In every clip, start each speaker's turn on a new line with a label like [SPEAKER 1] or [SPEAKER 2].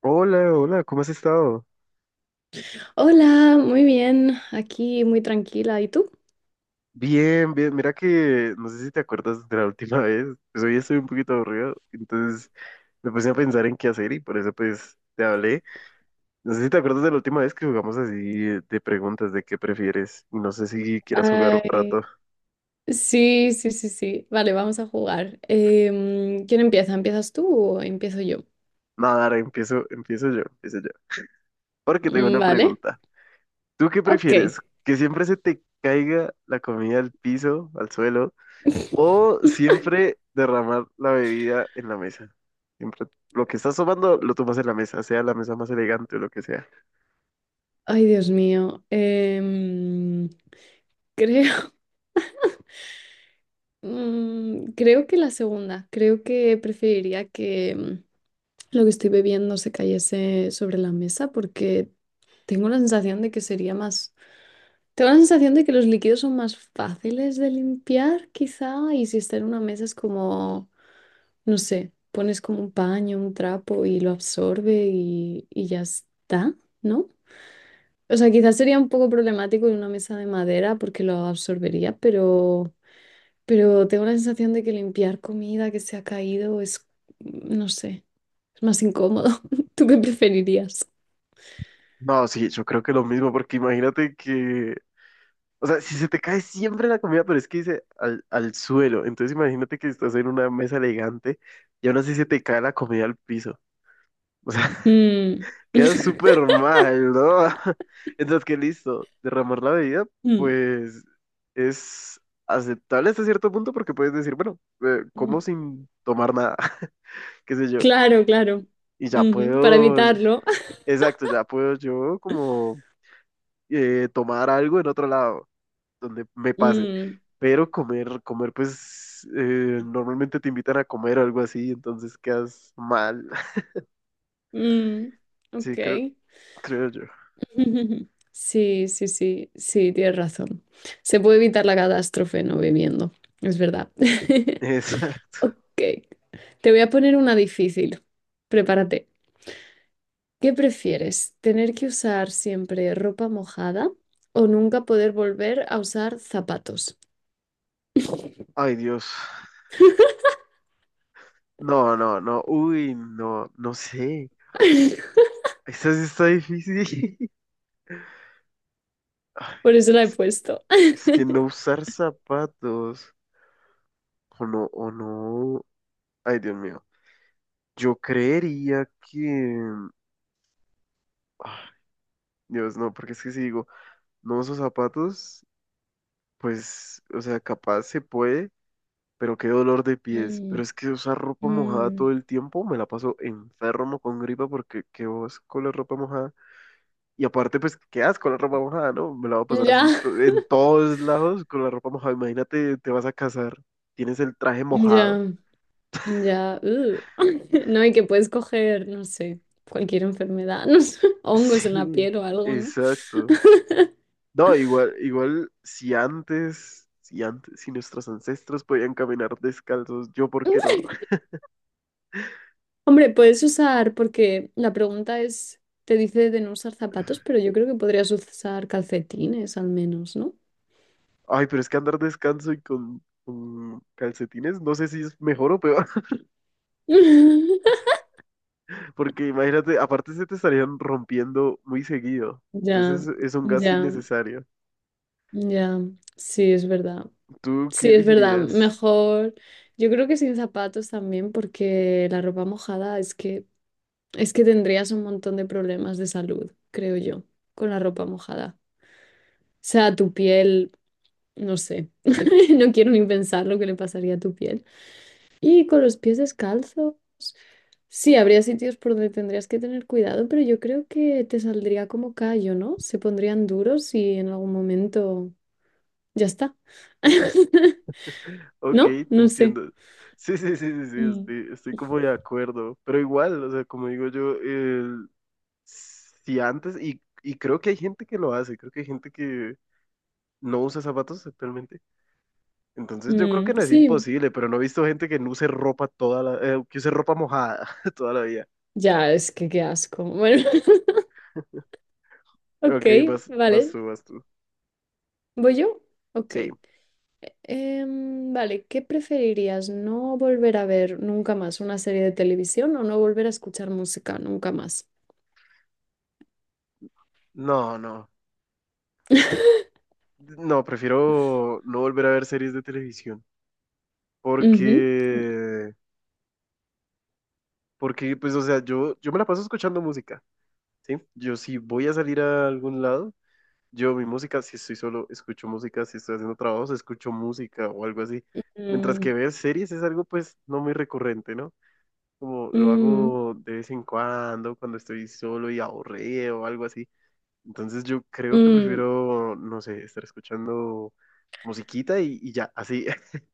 [SPEAKER 1] Hola, hola, ¿cómo has estado?
[SPEAKER 2] Hola, muy bien, aquí muy tranquila. ¿Y tú?
[SPEAKER 1] Bien, bien, mira que no sé si te acuerdas de la última vez, pues hoy estoy un poquito aburrido, entonces me puse a pensar en qué hacer y por eso pues te hablé. No sé si te acuerdas de la última vez que jugamos así de preguntas de qué prefieres y no sé si quieras jugar un rato.
[SPEAKER 2] Ay, sí, sí, sí, sí. Vale, vamos a jugar. ¿Quién empieza? ¿Empiezas tú o empiezo yo?
[SPEAKER 1] Nada, ahora empiezo, empiezo yo, porque tengo
[SPEAKER 2] Mm,
[SPEAKER 1] una
[SPEAKER 2] vale,
[SPEAKER 1] pregunta. ¿Tú qué
[SPEAKER 2] ok.
[SPEAKER 1] prefieres? ¿Que siempre se te caiga la comida al piso, al suelo? O siempre derramar la bebida en la mesa. Siempre lo que estás tomando lo tomas en la mesa, sea la mesa más elegante o lo que sea.
[SPEAKER 2] Ay, Dios mío. Creo, mm, creo que la segunda. Creo que preferiría que lo que estoy bebiendo se cayese sobre la mesa porque tengo la sensación de que sería más Tengo la sensación de que los líquidos son más fáciles de limpiar, quizá, y si está en una mesa es como, no sé, pones como un paño, un trapo y lo absorbe y ya está, ¿no? O sea, quizás sería un poco problemático en una mesa de madera porque lo absorbería, pero tengo la sensación de que limpiar comida que se ha caído es, no sé, es más incómodo. ¿Tú qué preferirías?
[SPEAKER 1] No, sí, yo creo que lo mismo, porque imagínate que, o sea, si se te cae siempre la comida, pero es que dice al, al suelo, entonces imagínate que estás en una mesa elegante y aún así se te cae la comida al piso. O sea,
[SPEAKER 2] Mm.
[SPEAKER 1] queda súper mal, ¿no? Entonces, que listo, derramar la bebida, pues es aceptable hasta cierto punto porque puedes decir, bueno, como
[SPEAKER 2] Mm.
[SPEAKER 1] sin tomar nada, qué sé yo,
[SPEAKER 2] Claro, claro.
[SPEAKER 1] y ya
[SPEAKER 2] Ujú, para
[SPEAKER 1] puedo,
[SPEAKER 2] evitarlo.
[SPEAKER 1] exacto, ya puedo yo como tomar algo en otro lado, donde me pase,
[SPEAKER 2] Mm,
[SPEAKER 1] pero comer, pues normalmente te invitan a comer o algo así, entonces quedas mal,
[SPEAKER 2] mm,
[SPEAKER 1] sí,
[SPEAKER 2] ok.
[SPEAKER 1] creo yo.
[SPEAKER 2] Sí, sí, sí, sí, tienes razón. Se puede evitar la catástrofe no bebiendo, es verdad.
[SPEAKER 1] Exacto.
[SPEAKER 2] Ok, te voy a poner una difícil. Prepárate. ¿Qué prefieres? ¿Tener que usar siempre ropa mojada o nunca poder volver a usar zapatos?
[SPEAKER 1] Ay, Dios. No, no, no. Uy, no, no sé. Esa sí está difícil. Ay,
[SPEAKER 2] Por eso la he
[SPEAKER 1] Es que,
[SPEAKER 2] puesto.
[SPEAKER 1] es que no usar zapatos. O no, o no. Ay, Dios mío. Yo creería que ah, Dios, no, porque es que si digo, no uso zapatos, pues, o sea, capaz se puede, pero qué dolor de pies.
[SPEAKER 2] Mm,
[SPEAKER 1] Pero es que usar ropa mojada todo
[SPEAKER 2] mm.
[SPEAKER 1] el tiempo, me la paso enfermo con gripa porque qué vos con la ropa mojada. Y aparte, pues, ¿qué asco la ropa mojada, no? Me la voy a pasar
[SPEAKER 2] Ya,
[SPEAKER 1] así en todos lados con la ropa mojada. Imagínate, te vas a casar, tienes el traje mojado.
[SPEAKER 2] ya. Ya. No, y que puedes coger, no sé, cualquier enfermedad, no sé, hongos en la
[SPEAKER 1] Sí,
[SPEAKER 2] piel o algo, ¿no?
[SPEAKER 1] exacto. No, igual, igual, si antes, si nuestros ancestros podían caminar descalzos, yo, ¿por qué no?
[SPEAKER 2] Hombre, puedes usar, porque la pregunta es, te dice de no usar zapatos, pero yo creo que podrías usar calcetines al menos, ¿no?
[SPEAKER 1] Ay, pero es que andar descalzo y con calcetines, no sé si es mejor o peor, porque imagínate, aparte se te estarían rompiendo muy seguido.
[SPEAKER 2] Ya,
[SPEAKER 1] Entonces es un gasto
[SPEAKER 2] ya,
[SPEAKER 1] innecesario.
[SPEAKER 2] ya, sí, es verdad.
[SPEAKER 1] ¿Tú qué
[SPEAKER 2] Sí, es verdad,
[SPEAKER 1] elegirías?
[SPEAKER 2] mejor. Yo creo que sin zapatos también, porque la ropa mojada es que es que tendrías un montón de problemas de salud, creo yo, con la ropa mojada. O sea, tu piel, no sé, no quiero ni pensar lo que le pasaría a tu piel. Y con los pies descalzo, sí, habría sitios por donde tendrías que tener cuidado, pero yo creo que te saldría como callo, ¿no? Se pondrían duros y en algún momento ya está.
[SPEAKER 1] Ok,
[SPEAKER 2] ¿No?
[SPEAKER 1] te
[SPEAKER 2] No sé.
[SPEAKER 1] entiendo. Sí, sí, sí, sí, sí,
[SPEAKER 2] Mm.
[SPEAKER 1] estoy como de acuerdo. Pero igual, o sea, como digo yo, si antes, y creo que hay gente que lo hace, creo que hay gente que no usa zapatos actualmente. Entonces yo creo
[SPEAKER 2] Mm,
[SPEAKER 1] que no es
[SPEAKER 2] sí,
[SPEAKER 1] imposible, pero no he visto gente que no use ropa toda la, que use ropa mojada toda la vida.
[SPEAKER 2] ya, es que qué asco. Bueno, ok,
[SPEAKER 1] Ok,
[SPEAKER 2] vale.
[SPEAKER 1] vas tú.
[SPEAKER 2] ¿Voy yo? Ok.
[SPEAKER 1] Sí,
[SPEAKER 2] Vale, ¿qué preferirías? ¿No volver a ver nunca más una serie de televisión o no volver a escuchar música nunca más?
[SPEAKER 1] no, no. No, prefiero no volver a ver series de televisión.
[SPEAKER 2] Ujú.
[SPEAKER 1] Porque, porque, pues, o sea, yo me la paso escuchando música. Sí, yo si voy a salir a algún lado, yo mi música, si estoy solo, escucho música, si estoy haciendo trabajos, escucho música o algo así. Mientras que
[SPEAKER 2] Mm,
[SPEAKER 1] ver series es algo pues no muy recurrente, ¿no? Como lo
[SPEAKER 2] mm,
[SPEAKER 1] hago de vez en cuando, cuando estoy solo y aburrido o algo así. Entonces yo creo que
[SPEAKER 2] mm.
[SPEAKER 1] prefiero, no sé, estar escuchando musiquita y ya, así,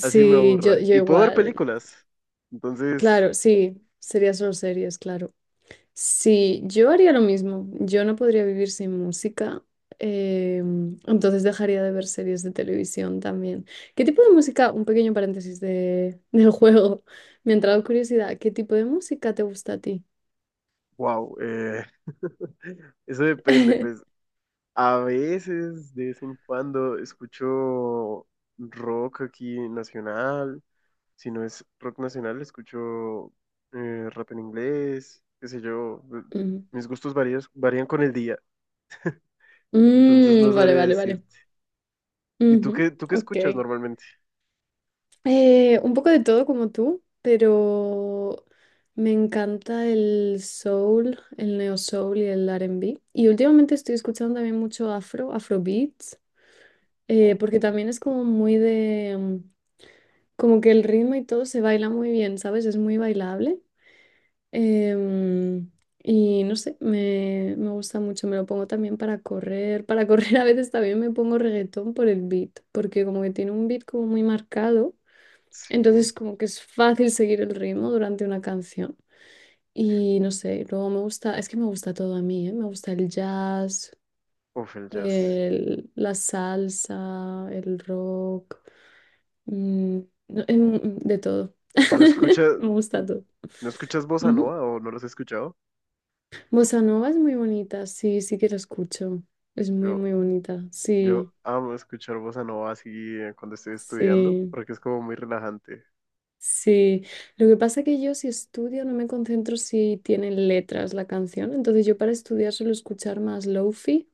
[SPEAKER 1] así me
[SPEAKER 2] yo,
[SPEAKER 1] aburra.
[SPEAKER 2] yo
[SPEAKER 1] Y puedo ver
[SPEAKER 2] igual.
[SPEAKER 1] películas. Entonces,
[SPEAKER 2] Claro, sí, sería solo series, claro. Sí, yo haría lo mismo. Yo no podría vivir sin música, entonces dejaría de ver series de televisión también. ¿Qué tipo de música? Un pequeño paréntesis del juego. Me ha entrado curiosidad. ¿Qué tipo de música te gusta a ti?
[SPEAKER 1] wow, eso depende, pues a veces, de vez en cuando, escucho rock aquí nacional. Si no es rock nacional, escucho rap en inglés, qué sé yo.
[SPEAKER 2] Ujú.
[SPEAKER 1] Mis gustos varios, varían con el día, entonces no
[SPEAKER 2] Mm, vale,
[SPEAKER 1] sabría
[SPEAKER 2] vale, vale.
[SPEAKER 1] decirte. ¿Y tú
[SPEAKER 2] Ujú,
[SPEAKER 1] qué escuchas
[SPEAKER 2] ok.
[SPEAKER 1] normalmente?
[SPEAKER 2] Un poco de todo como tú, pero me encanta el soul, el neo soul y el R&B. Y últimamente estoy escuchando también mucho afrobeat. Eh,
[SPEAKER 1] Ok,
[SPEAKER 2] porque también es como muy mm, como que el ritmo y todo se baila muy bien, ¿sabes? Es muy bailable. Em, y no sé, me gusta mucho, me lo pongo también para correr. Para correr a veces también me pongo reggaetón por el beat, porque como que tiene un beat como muy marcado,
[SPEAKER 1] sí.
[SPEAKER 2] entonces como que es fácil seguir el ritmo durante una canción. Y no sé, luego me gusta, es que me gusta todo a mí, ¿eh? Me gusta el jazz,
[SPEAKER 1] Uf, el jazz.
[SPEAKER 2] la salsa, el rock. Mm, no, de todo.
[SPEAKER 1] ¿No escuchas,
[SPEAKER 2] Me gusta todo.
[SPEAKER 1] no escuchas bossa nova
[SPEAKER 2] Ujú.
[SPEAKER 1] o no los he escuchado?
[SPEAKER 2] Bossa Nova es muy bonita, sí, sí que la escucho. Es muy,
[SPEAKER 1] Yo,
[SPEAKER 2] muy bonita, sí,
[SPEAKER 1] yo amo escuchar bossa nova así cuando estoy estudiando,
[SPEAKER 2] sí,
[SPEAKER 1] porque es como muy relajante.
[SPEAKER 2] sí. Lo que pasa que yo si estudio no me concentro si tienen letras la canción, entonces yo para estudiar suelo escuchar más lofi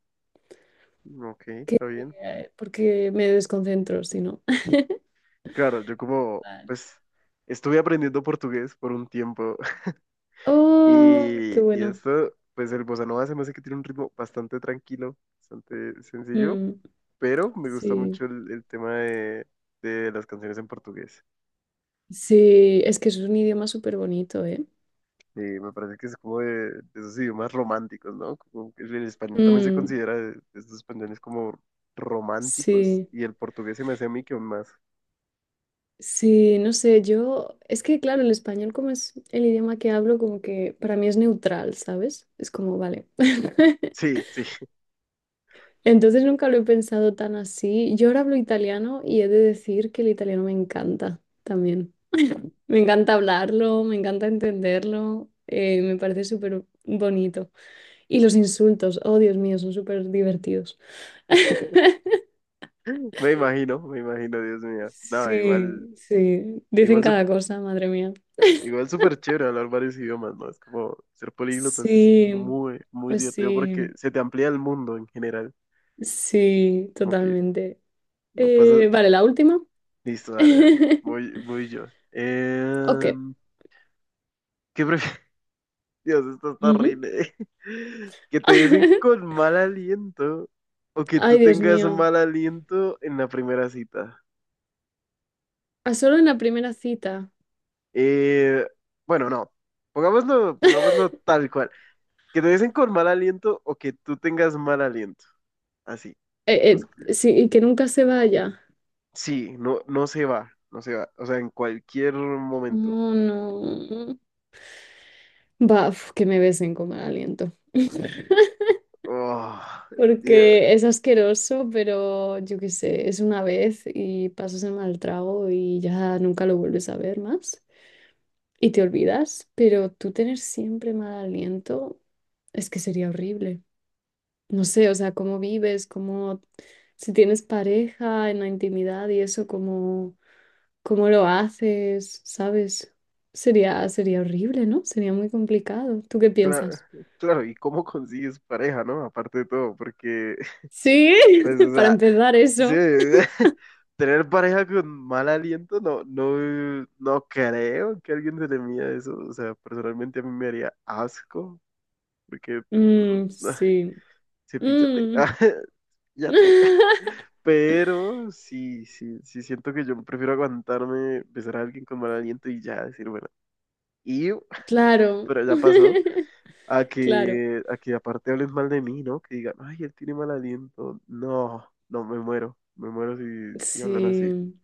[SPEAKER 1] Ok, está bien.
[SPEAKER 2] porque me desconcentro, si no.
[SPEAKER 1] Claro, yo como,
[SPEAKER 2] Vale.
[SPEAKER 1] pues, estuve aprendiendo portugués por un tiempo
[SPEAKER 2] Oh, qué
[SPEAKER 1] y
[SPEAKER 2] bueno.
[SPEAKER 1] esto, pues el bossa nova se me hace que tiene un ritmo bastante tranquilo, bastante sencillo,
[SPEAKER 2] Mm,
[SPEAKER 1] pero me gusta
[SPEAKER 2] sí,
[SPEAKER 1] mucho el tema de las canciones en portugués.
[SPEAKER 2] sí, es que es un idioma súper bonito, ¿eh?
[SPEAKER 1] Y me parece que es como de esos idiomas románticos, ¿no? Como que el español también se
[SPEAKER 2] Mm.
[SPEAKER 1] considera de estos españoles como románticos
[SPEAKER 2] Sí,
[SPEAKER 1] y el portugués se me hace a mí que aún más.
[SPEAKER 2] sí, no sé, yo, es que claro, el español como es el idioma que hablo, como que para mí es neutral, ¿sabes? Es como, vale.
[SPEAKER 1] Sí, sí,
[SPEAKER 2] Entonces nunca lo he pensado tan así. Yo ahora hablo italiano y he de decir que el italiano me encanta también. Me encanta hablarlo, me encanta entenderlo, me parece súper bonito. Y los insultos, oh Dios mío, son súper divertidos.
[SPEAKER 1] me imagino, Dios mío. No, igual.
[SPEAKER 2] Sí, sí, dicen
[SPEAKER 1] Igual,
[SPEAKER 2] cada cosa, madre mía.
[SPEAKER 1] igual súper chévere hablar varios idiomas, ¿no? Es como ser políglota es
[SPEAKER 2] Sí,
[SPEAKER 1] muy, muy
[SPEAKER 2] pues
[SPEAKER 1] divertido porque
[SPEAKER 2] sí,
[SPEAKER 1] se te amplía el mundo en general.
[SPEAKER 2] sí,
[SPEAKER 1] Como que
[SPEAKER 2] totalmente.
[SPEAKER 1] no pasa.
[SPEAKER 2] Vale, la última.
[SPEAKER 1] Listo, dale, dale. Voy yo.
[SPEAKER 2] Ok.
[SPEAKER 1] Em, ¿qué prefieres? Dios, esto está
[SPEAKER 2] Ujú.
[SPEAKER 1] horrible. Que te besen con mal aliento o que tú
[SPEAKER 2] Ay, Dios
[SPEAKER 1] tengas
[SPEAKER 2] mío.
[SPEAKER 1] mal aliento en la primera cita.
[SPEAKER 2] A solo en la primera cita.
[SPEAKER 1] Eh, bueno, no. Pongámoslo tal cual. Que te besen con mal aliento o que tú tengas mal aliento. Así. Vamos.
[SPEAKER 2] Sí, y que nunca se vaya.
[SPEAKER 1] Sí, no, no se va, no se va. O sea, en cualquier momento.
[SPEAKER 2] Oh, no. Va, uf, que me besen con mal aliento.
[SPEAKER 1] Oh, yeah,
[SPEAKER 2] Porque es asqueroso, pero yo qué sé, es una vez y pasas el mal trago y ya nunca lo vuelves a ver más. Y te olvidas, pero tú tener siempre mal aliento es que sería horrible. No sé, o sea, cómo vives, cómo, si tienes pareja en la intimidad y eso, cómo, cómo lo haces, ¿sabes? Sería, sería horrible, ¿no? Sería muy complicado. ¿Tú qué piensas?
[SPEAKER 1] claro, ¿y cómo consigues pareja, no? Aparte de todo, porque,
[SPEAKER 2] Sí,
[SPEAKER 1] pues, o
[SPEAKER 2] para
[SPEAKER 1] sea,
[SPEAKER 2] empezar
[SPEAKER 1] sí,
[SPEAKER 2] eso.
[SPEAKER 1] tener pareja con mal aliento, no, no, no creo que a alguien se le mida eso. O sea, personalmente a mí me haría asco, porque, mm,
[SPEAKER 2] Mm, sí.
[SPEAKER 1] cepíllate,
[SPEAKER 2] Mm.
[SPEAKER 1] ya. Pero sí, sí, sí siento que yo prefiero aguantarme, besar a alguien con mal aliento y ya decir, bueno, y
[SPEAKER 2] Claro,
[SPEAKER 1] pero ya pasó,
[SPEAKER 2] claro.
[SPEAKER 1] a que aparte hablen mal de mí, ¿no? Que digan, ay, él tiene mal aliento. No, no, me muero si hablan así.
[SPEAKER 2] Sí,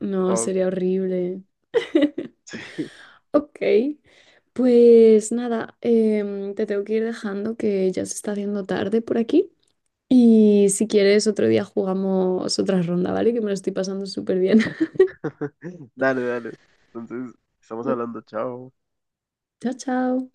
[SPEAKER 2] no,
[SPEAKER 1] Oh,
[SPEAKER 2] sería horrible.
[SPEAKER 1] sí.
[SPEAKER 2] Ok. Pues nada, te tengo que ir dejando que ya se está haciendo tarde por aquí. Y si quieres, otro día jugamos otra ronda, ¿vale? Que me lo estoy pasando súper bien.
[SPEAKER 1] Dale, dale. Entonces, estamos hablando, chao.
[SPEAKER 2] Chao, chao.